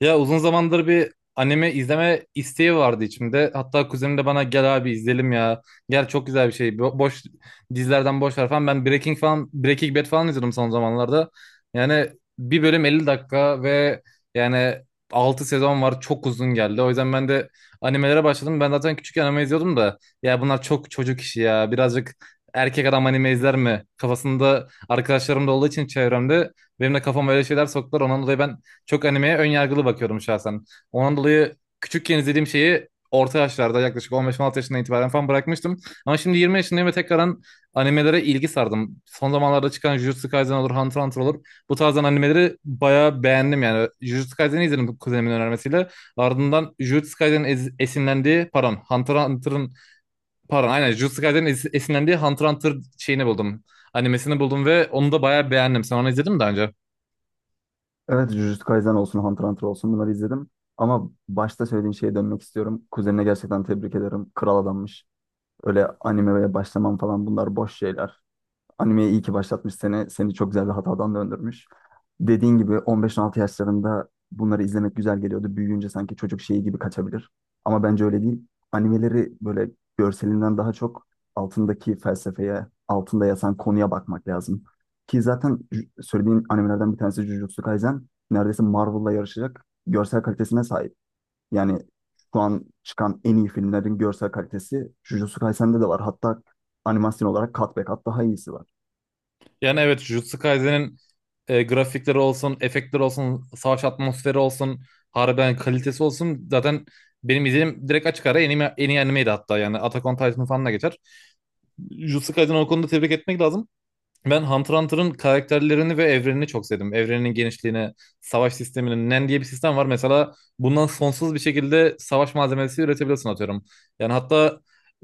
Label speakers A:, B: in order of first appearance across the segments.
A: Ya uzun zamandır bir anime izleme isteği vardı içimde. Hatta kuzenim de bana gel abi izleyelim ya. Gel çok güzel bir şey. Boş dizilerden boş ver falan. Ben Breaking Bad falan izledim son zamanlarda. Yani bir bölüm 50 dakika ve yani 6 sezon var. Çok uzun geldi. O yüzden ben de animelere başladım. Ben zaten küçük anime izliyordum da ya bunlar çok çocuk işi ya. Birazcık erkek adam anime izler mi? Kafasında arkadaşlarım da olduğu için çevremde benim de kafama öyle şeyler soktular. Ondan dolayı ben çok animeye ön yargılı bakıyordum şahsen. Ondan dolayı küçükken izlediğim şeyi orta yaşlarda yaklaşık 15-16 yaşından itibaren falan bırakmıştım. Ama şimdi 20 yaşındayım ve tekrardan animelere ilgi sardım. Son zamanlarda çıkan Jujutsu Kaisen olur, Hunter x Hunter olur. Bu tarzdan animeleri bayağı beğendim yani. Jujutsu Kaisen'i izledim kuzenimin önermesiyle. Ardından Jujutsu Kaisen'in esinlendiği, pardon, Hunter x Hunter'ın, pardon aynen Jujutsu Kaisen'in esinlendiği Hunter x Hunter şeyini buldum. Animesini buldum ve onu da bayağı beğendim. Sen onu izledin mi daha önce?
B: Evet, Jujutsu Kaisen olsun, Hunter x Hunter olsun bunları izledim. Ama başta söylediğin şeye dönmek istiyorum. Kuzenine gerçekten tebrik ederim. Kral adammış. Öyle animeye başlamam falan bunlar boş şeyler. Animeyi iyi ki başlatmış seni. Seni çok güzel bir hatadan döndürmüş. Dediğin gibi 15-16 yaşlarında bunları izlemek güzel geliyordu. Büyüyünce sanki çocuk şeyi gibi kaçabilir. Ama bence öyle değil. Animeleri böyle görselinden daha çok altındaki felsefeye, altında yatan konuya bakmak lazım. Ki zaten söylediğin animelerden bir tanesi Jujutsu Kaisen. Neredeyse Marvel'la yarışacak görsel kalitesine sahip. Yani şu an çıkan en iyi filmlerin görsel kalitesi Jujutsu Kaisen'de de var. Hatta animasyon olarak kat be kat daha iyisi var.
A: Yani evet Jujutsu Kaisen'in grafikleri olsun, efektleri olsun, savaş atmosferi olsun, harbiden kalitesi olsun. Zaten benim izlediğim direkt açık ara en iyi, en iyi animeydi hatta yani. Attack on Titan falan da geçer. Jujutsu Kaisen'i o konuda tebrik etmek lazım. Ben Hunter x Hunter'ın karakterlerini ve evrenini çok sevdim. Evreninin genişliğine, savaş sisteminin NEN diye bir sistem var. Mesela bundan sonsuz bir şekilde savaş malzemesi üretebilirsin atıyorum. Yani hatta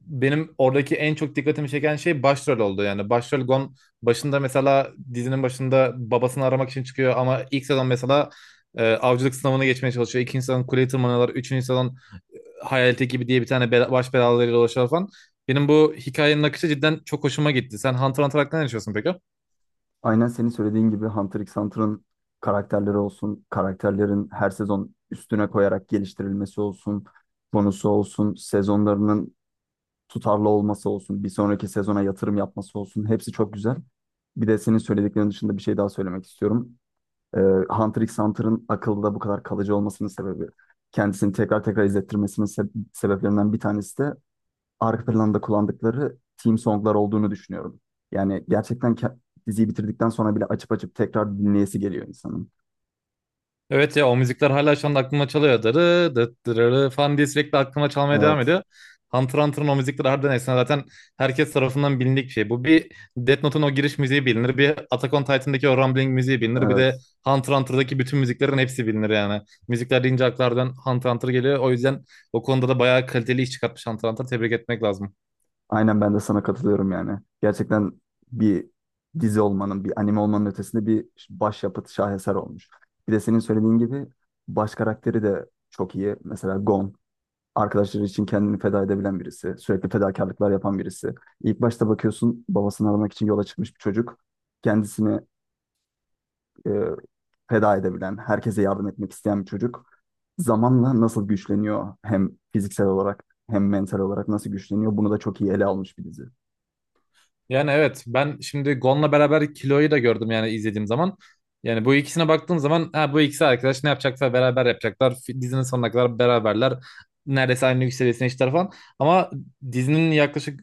A: benim oradaki en çok dikkatimi çeken şey başrol oldu. Yani başrol Gon başında mesela dizinin başında babasını aramak için çıkıyor ama ilk sezon mesela avcılık sınavını geçmeye çalışıyor. İkinci sezon kuleyi tırmanıyorlar. Üçüncü sezon Hayalet ekibi diye bir tane baş belalarıyla dolaşıyorlar falan. Benim bu hikayenin akışı cidden çok hoşuma gitti. Sen Hunter x Hunter hakkında ne düşünüyorsun peki?
B: Aynen senin söylediğin gibi Hunter x Hunter'ın karakterleri olsun, karakterlerin her sezon üstüne koyarak geliştirilmesi olsun, konusu olsun, sezonlarının tutarlı olması olsun, bir sonraki sezona yatırım yapması olsun. Hepsi çok güzel. Bir de senin söylediklerin dışında bir şey daha söylemek istiyorum. Ee, Hunter x Hunter'ın akılda bu kadar kalıcı olmasının sebebi, kendisini tekrar tekrar izlettirmesinin sebeplerinden bir tanesi de arka planda kullandıkları theme songlar olduğunu düşünüyorum. Yani gerçekten diziyi bitirdikten sonra bile açıp açıp tekrar dinleyesi geliyor insanın.
A: Evet ya o müzikler hala şu anda aklıma çalıyor. Dırı dıt dırırı falan diye sürekli aklıma çalmaya devam
B: Evet,
A: ediyor. Hunter Hunter'ın o müzikleri harbiden efsane. Zaten herkes tarafından bilindik bir şey. Bu bir Death Note'un o giriş müziği bilinir. Bir Attack on Titan'daki o Rumbling müziği bilinir. Bir de
B: evet.
A: Hunter Hunter'daki bütün müziklerin hepsi bilinir yani. Müzikler deyince aklardan Hunter Hunter geliyor. O yüzden o konuda da bayağı kaliteli iş çıkartmış Hunter Hunter. Tebrik etmek lazım.
B: Aynen ben de sana katılıyorum yani. Gerçekten bir dizi olmanın, bir anime olmanın ötesinde bir başyapıt, şaheser olmuş. Bir de senin söylediğin gibi baş karakteri de çok iyi. Mesela Gon, arkadaşları için kendini feda edebilen birisi, sürekli fedakarlıklar yapan birisi. İlk başta bakıyorsun babasını aramak için yola çıkmış bir çocuk. Kendisini e, feda edebilen, herkese yardım etmek isteyen bir çocuk zamanla nasıl güçleniyor, hem fiziksel olarak hem mental olarak nasıl güçleniyor bunu da çok iyi ele almış bir dizi.
A: Yani evet ben şimdi Gon'la beraber Kilo'yu da gördüm yani izlediğim zaman. Yani bu ikisine baktığım zaman ha, bu ikisi arkadaş ne yapacaksa beraber yapacaklar. Dizinin sonuna kadar beraberler. Neredeyse aynı yükselişine işler falan. Ama dizinin yaklaşık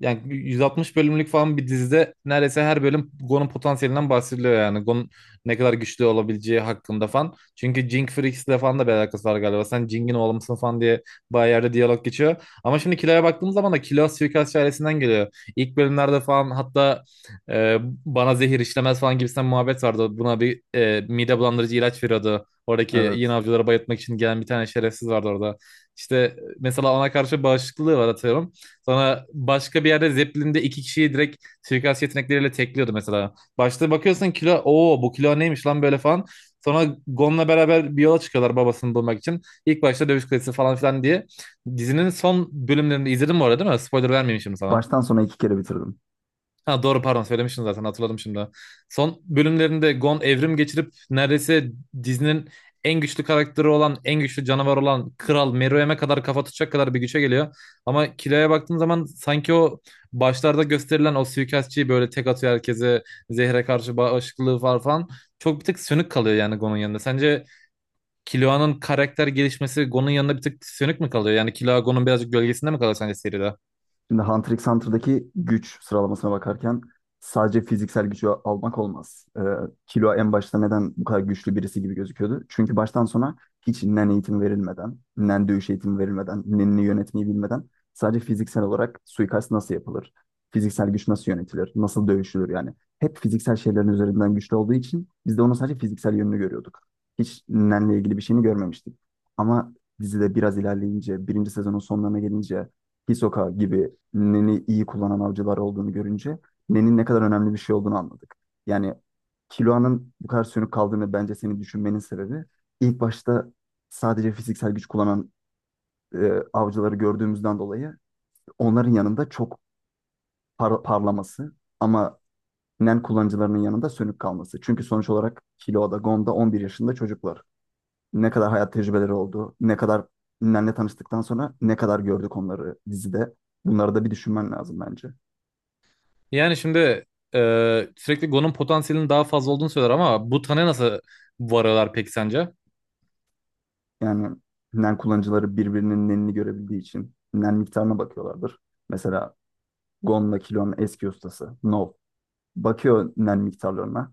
A: yani 160 bölümlük falan bir dizide neredeyse her bölüm Gon'un potansiyelinden bahsediliyor yani. Gon'un ne kadar güçlü olabileceği hakkında falan. Çünkü Jing Freaks'le falan da bir alakası var galiba. Sen Jing'in oğlu musun falan diye bayağı yerde diyalog geçiyor. Ama şimdi Kilo'ya baktığım zaman da Kilo suikastçı ailesinden geliyor. İlk bölümlerde falan hatta e, bana zehir işlemez falan gibisinden muhabbet vardı. Buna bir mide bulandırıcı ilaç veriyordu. Oradaki yine
B: Evet.
A: avcıları bayıltmak için gelen bir tane şerefsiz vardı orada. İşte mesela ona karşı bağışıklığı var atıyorum. Sonra başka bir yerde Zeppelin'de iki kişiyi direkt suikast yetenekleriyle tekliyordu mesela. Başta bakıyorsun kilo, ooo bu kilo neymiş lan böyle falan. Sonra Gon'la beraber bir yola çıkıyorlar babasını bulmak için. İlk başta dövüş kulesi falan filan diye. Dizinin son bölümlerinde izledim bu arada değil mi? Spoiler vermeyeyim şimdi sana.
B: Baştan sona iki kere bitirdim.
A: Ha doğru pardon söylemiştin zaten hatırladım şimdi. Son bölümlerinde Gon evrim geçirip neredeyse dizinin en güçlü karakteri olan, en güçlü canavar olan Kral Meruem'e kadar kafa tutacak kadar bir güce geliyor. Ama kiloya baktığın zaman sanki o başlarda gösterilen o suikastçıyı böyle tek atıyor herkese, zehre karşı bağışıklığı var falan. Çok bir tık sönük kalıyor yani Gon'un yanında. Sence Killua'nın karakter gelişmesi Gon'un yanında bir tık sönük mü kalıyor? Yani Killua Gon'un birazcık gölgesinde mi kalıyor sence seride?
B: Şimdi Hunter x Hunter'daki güç sıralamasına bakarken sadece fiziksel gücü almak olmaz. Killua en başta neden bu kadar güçlü birisi gibi gözüküyordu? Çünkü baştan sona hiç nen eğitimi verilmeden, nen dövüş eğitimi verilmeden, nenini yönetmeyi bilmeden sadece fiziksel olarak suikast nasıl yapılır, fiziksel güç nasıl yönetilir, nasıl dövüşülür yani. Hep fiziksel şeylerin üzerinden güçlü olduğu için biz de onun sadece fiziksel yönünü görüyorduk. Hiç nenle ilgili bir şeyini görmemiştik. Ama dizide biraz ilerleyince, birinci sezonun sonlarına gelince, Hisoka gibi Nen'i iyi kullanan avcılar olduğunu görünce Nen'in ne kadar önemli bir şey olduğunu anladık. Yani Kiloa'nın bu kadar sönük kaldığını bence senin düşünmenin sebebi ilk başta sadece fiziksel güç kullanan avcıları gördüğümüzden dolayı onların yanında çok parlaması ama Nen kullanıcılarının yanında sönük kalması. Çünkü sonuç olarak Kiloa'da, Gon'da 11 yaşında çocuklar. Ne kadar hayat tecrübeleri oldu, ne kadar Nen'le tanıştıktan sonra ne kadar gördük onları dizide. Bunları da bir düşünmen lazım bence.
A: Yani şimdi sürekli Gon'un potansiyelinin daha fazla olduğunu söyler ama bu tane nasıl varıyorlar peki sence?
B: Yani NEN kullanıcıları birbirinin NEN'ini görebildiği için NEN miktarına bakıyorlardır. Mesela Gon'la Kilo'nun eski ustası Nov bakıyor NEN miktarlarına.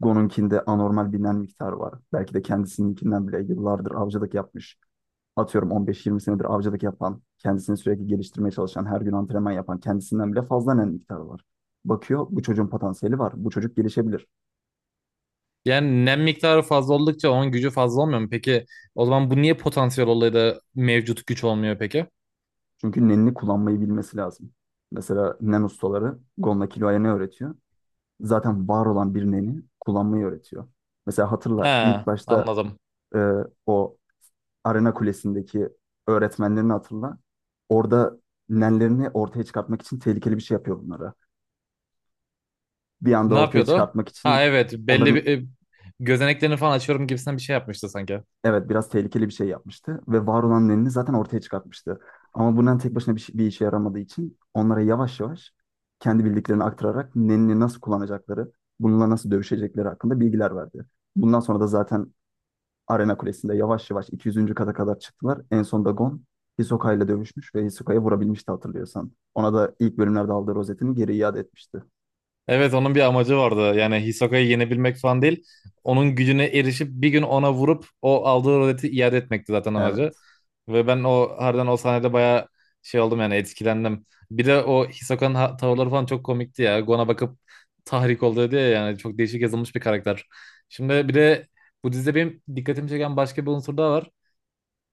B: Gon'unkinde anormal bir NEN miktarı var. Belki de kendisininkinden bile yıllardır avcılık yapmış. Atıyorum 15-20 senedir avcılık yapan, kendisini sürekli geliştirmeye çalışan, her gün antrenman yapan kendisinden bile fazla NEN miktarı var. Bakıyor, bu çocuğun potansiyeli var. Bu çocuk gelişebilir.
A: Yani nem miktarı fazla oldukça onun gücü fazla olmuyor mu? Peki o zaman bu niye potansiyel olayı da mevcut güç olmuyor peki?
B: Çünkü NEN'ini kullanmayı bilmesi lazım. Mesela NEN ustaları Gon'la Kilo'ya ne öğretiyor? Zaten var olan bir neni kullanmayı öğretiyor. Mesela hatırla,
A: He,
B: ilk başta
A: anladım.
B: e, o Arena Kulesi'ndeki öğretmenlerini hatırla. Orada nenlerini ortaya çıkartmak için tehlikeli bir şey yapıyor bunlara. Bir anda
A: Ne
B: ortaya
A: yapıyordu?
B: çıkartmak
A: Ha
B: için
A: evet belli bir
B: onların,
A: gözeneklerini falan açıyorum gibisinden bir şey yapmıştı sanki.
B: evet, biraz tehlikeli bir şey yapmıştı ve var olan nenini zaten ortaya çıkartmıştı. Ama bundan tek başına bir işe yaramadığı için onlara yavaş yavaş kendi bildiklerini aktararak nenini nasıl kullanacakları, bununla nasıl dövüşecekleri hakkında bilgiler verdi. Bundan sonra da zaten Arena Kulesi'nde yavaş yavaş 200. kata kadar çıktılar. En son da Gon Hisoka ile dövüşmüş ve Hisoka'yı vurabilmişti hatırlıyorsan. Ona da ilk bölümlerde aldığı rozetini geri iade etmişti.
A: Evet onun bir amacı vardı. Yani Hisoka'yı yenebilmek falan değil. Onun gücüne erişip bir gün ona vurup o aldığı roleti iade etmekti zaten amacı.
B: Evet.
A: Ve ben o harbiden o sahnede bayağı şey oldum yani etkilendim. Bir de o Hisoka'nın tavırları falan çok komikti ya. Gon'a bakıp tahrik oldu diye yani çok değişik yazılmış bir karakter. Şimdi bir de bu dizide benim dikkatimi çeken başka bir unsur daha var.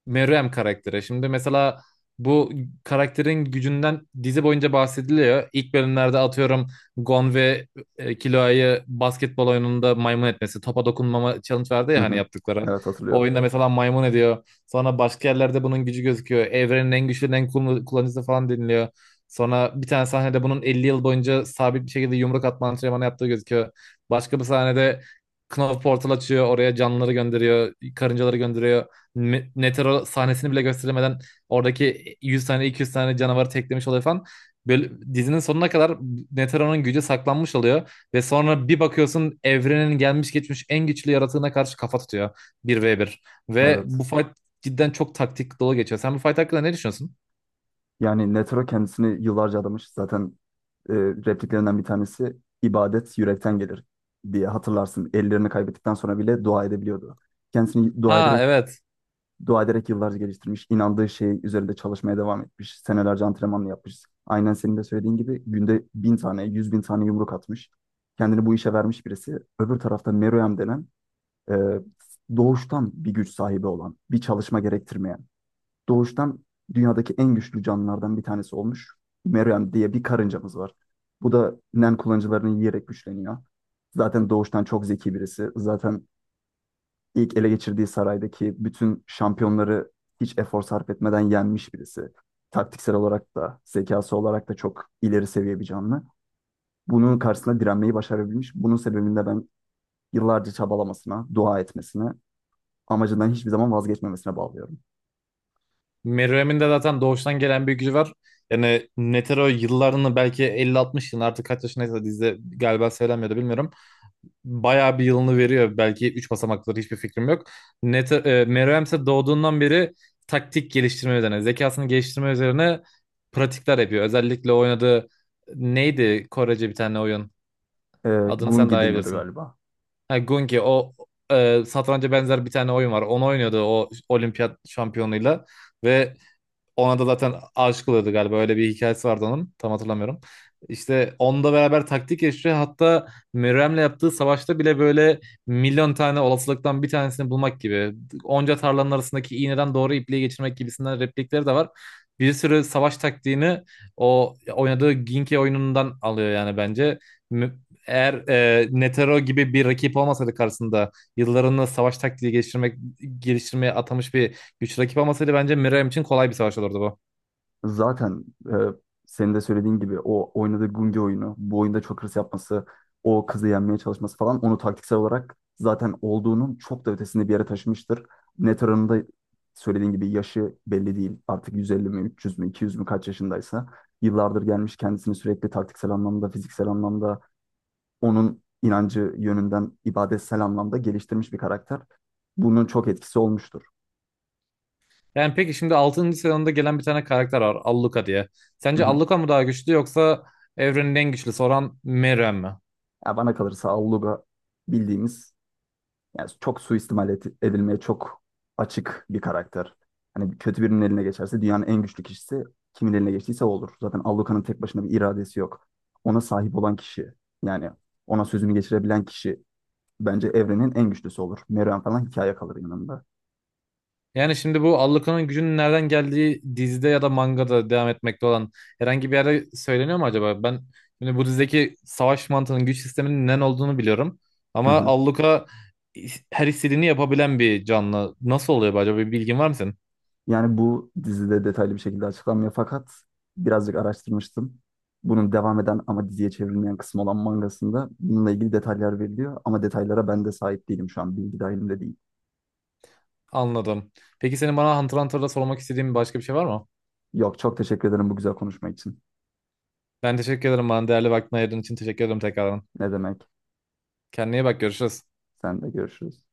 A: Meruem karaktere. Şimdi mesela bu karakterin gücünden dizi boyunca bahsediliyor. İlk bölümlerde atıyorum Gon ve Killua'yı basketbol oyununda maymun etmesi. Topa dokunmama challenge verdi
B: Hı
A: ya hani
B: hı.
A: yaptıkları.
B: Evet,
A: O
B: hatırlıyorum.
A: oyunda mesela maymun ediyor. Sonra başka yerlerde bunun gücü gözüküyor. Evrenin en güçlü en kullanıcısı falan deniliyor. Sonra bir tane sahnede bunun 50 yıl boyunca sabit bir şekilde yumruk atma antrenmanı yaptığı gözüküyor. Başka bir sahnede Knopf portal açıyor. Oraya canlıları gönderiyor. Karıncaları gönderiyor meteor sahnesini bile gösteremeden oradaki 100 tane 200 tane canavarı teklemiş oluyor falan. Böyle dizinin sonuna kadar Netero'nun gücü saklanmış oluyor ve sonra bir bakıyorsun evrenin gelmiş geçmiş en güçlü yaratığına karşı kafa tutuyor bir ve bir. Ve
B: Evet.
A: bu fight cidden çok taktik dolu geçiyor. Sen bu fight hakkında ne düşünüyorsun?
B: Yani Netero kendisini yıllarca adamış. Zaten repliklerinden bir tanesi ibadet yürekten gelir diye hatırlarsın. Ellerini kaybettikten sonra bile dua edebiliyordu. Kendisini dua
A: Aa
B: ederek
A: evet.
B: dua ederek yıllarca geliştirmiş, inandığı şey üzerinde çalışmaya devam etmiş, senelerce antrenmanla yapmış. Aynen senin de söylediğin gibi günde 1.000 tane, 100.000 tane yumruk atmış. Kendini bu işe vermiş birisi. Öbür tarafta Meruem denen e, doğuştan bir güç sahibi olan, bir çalışma gerektirmeyen, doğuştan dünyadaki en güçlü canlılardan bir tanesi olmuş. Meruem diye bir karıncamız var. Bu da Nen kullanıcılarını yiyerek güçleniyor. Zaten doğuştan çok zeki birisi. Zaten ilk ele geçirdiği saraydaki bütün şampiyonları hiç efor sarf etmeden yenmiş birisi. Taktiksel olarak da, zekası olarak da çok ileri seviye bir canlı. Bunun karşısında direnmeyi başarabilmiş. Bunun sebebini de ben yıllarca çabalamasına, dua etmesine, amacından hiçbir zaman vazgeçmemesine bağlıyorum.
A: Meruem'in de zaten doğuştan gelen bir gücü var. Yani Netero yıllarını belki 50-60 yıl artık kaç yaşındaysa dizide galiba söylenmiyordu bilmiyorum. Bayağı bir yılını veriyor. Belki 3 basamakları hiçbir fikrim yok. Net, Meruem ise doğduğundan beri taktik geliştirme üzerine, zekasını geliştirme üzerine pratikler yapıyor. Özellikle oynadığı neydi Korece bir tane oyun?
B: Ee,
A: Adını sen
B: Gungi
A: daha iyi
B: deniyordu
A: bilirsin.
B: galiba.
A: Ha, Gungi o satranca benzer bir tane oyun var. Onu oynuyordu o olimpiyat şampiyonuyla ve ona da zaten aşık oluyordu galiba. Öyle bir hikayesi vardı onun. Tam hatırlamıyorum. İşte onunla beraber taktik yaşıyor. Hatta Mürrem'le yaptığı savaşta bile böyle milyon tane olasılıktan bir tanesini bulmak gibi. Onca tarlanın arasındaki iğneden doğru ipliği geçirmek gibisinden replikleri de var. Bir sürü savaş taktiğini o oynadığı Ginke oyunundan alıyor yani bence. Mü- Eğer Netero gibi bir rakip olmasaydı karşısında yıllarını savaş taktiği geliştirmeye atamış bir Güç rakip olmasaydı bence Miriam için kolay bir savaş olurdu bu.
B: Zaten, senin de söylediğin gibi o oynadığı Gungi oyunu, bu oyunda çok hırs yapması, o kızı yenmeye çalışması falan onu taktiksel olarak zaten olduğunun çok da ötesinde bir yere taşımıştır. Net oranında söylediğin gibi yaşı belli değil. Artık 150 mi, 300 mü, 200 mü kaç yaşındaysa yıllardır gelmiş kendisini sürekli taktiksel anlamda, fiziksel anlamda, onun inancı yönünden ibadetsel anlamda geliştirmiş bir karakter. Bunun çok etkisi olmuştur.
A: Yani peki şimdi altıncı sezonda gelen bir tane karakter var. Alluka diye.
B: Hı
A: Sence
B: hı.
A: Alluka mı daha güçlü yoksa evrenin en güçlüsü olan Miriam mi?
B: Ya bana kalırsa Alluga bildiğimiz, yani çok suistimal edilmeye çok açık bir karakter. Hani kötü birinin eline geçerse dünyanın en güçlü kişisi kimin eline geçtiyse o olur. Zaten Alluka'nın tek başına bir iradesi yok. Ona sahip olan kişi, yani ona sözünü geçirebilen kişi bence evrenin en güçlüsü olur. Meruem falan hikaye kalır yanında.
A: Yani şimdi bu Alluka'nın gücünün nereden geldiği dizide ya da mangada devam etmekte olan herhangi bir yerde söyleniyor mu acaba? Ben şimdi bu dizideki savaş mantığının güç sisteminin ne olduğunu biliyorum.
B: Hı
A: Ama
B: hı.
A: Alluka her istediğini yapabilen bir canlı. Nasıl oluyor bu acaba? Bir bilgin var mı senin?
B: Yani bu dizide detaylı bir şekilde açıklanmıyor, fakat birazcık araştırmıştım. Bunun devam eden ama diziye çevrilmeyen kısmı olan mangasında bununla ilgili detaylar veriliyor ama detaylara ben de sahip değilim şu an, bilgi dahilimde değil.
A: Anladım. Peki senin bana Hunter x Hunter'da sormak istediğin başka bir şey var mı?
B: Yok, çok teşekkür ederim bu güzel konuşma için.
A: Ben teşekkür ederim bana değerli vaktini ayırdığın için teşekkür ederim tekrardan.
B: Ne demek?
A: Kendine iyi bak görüşürüz.
B: Sen de görüşürüz.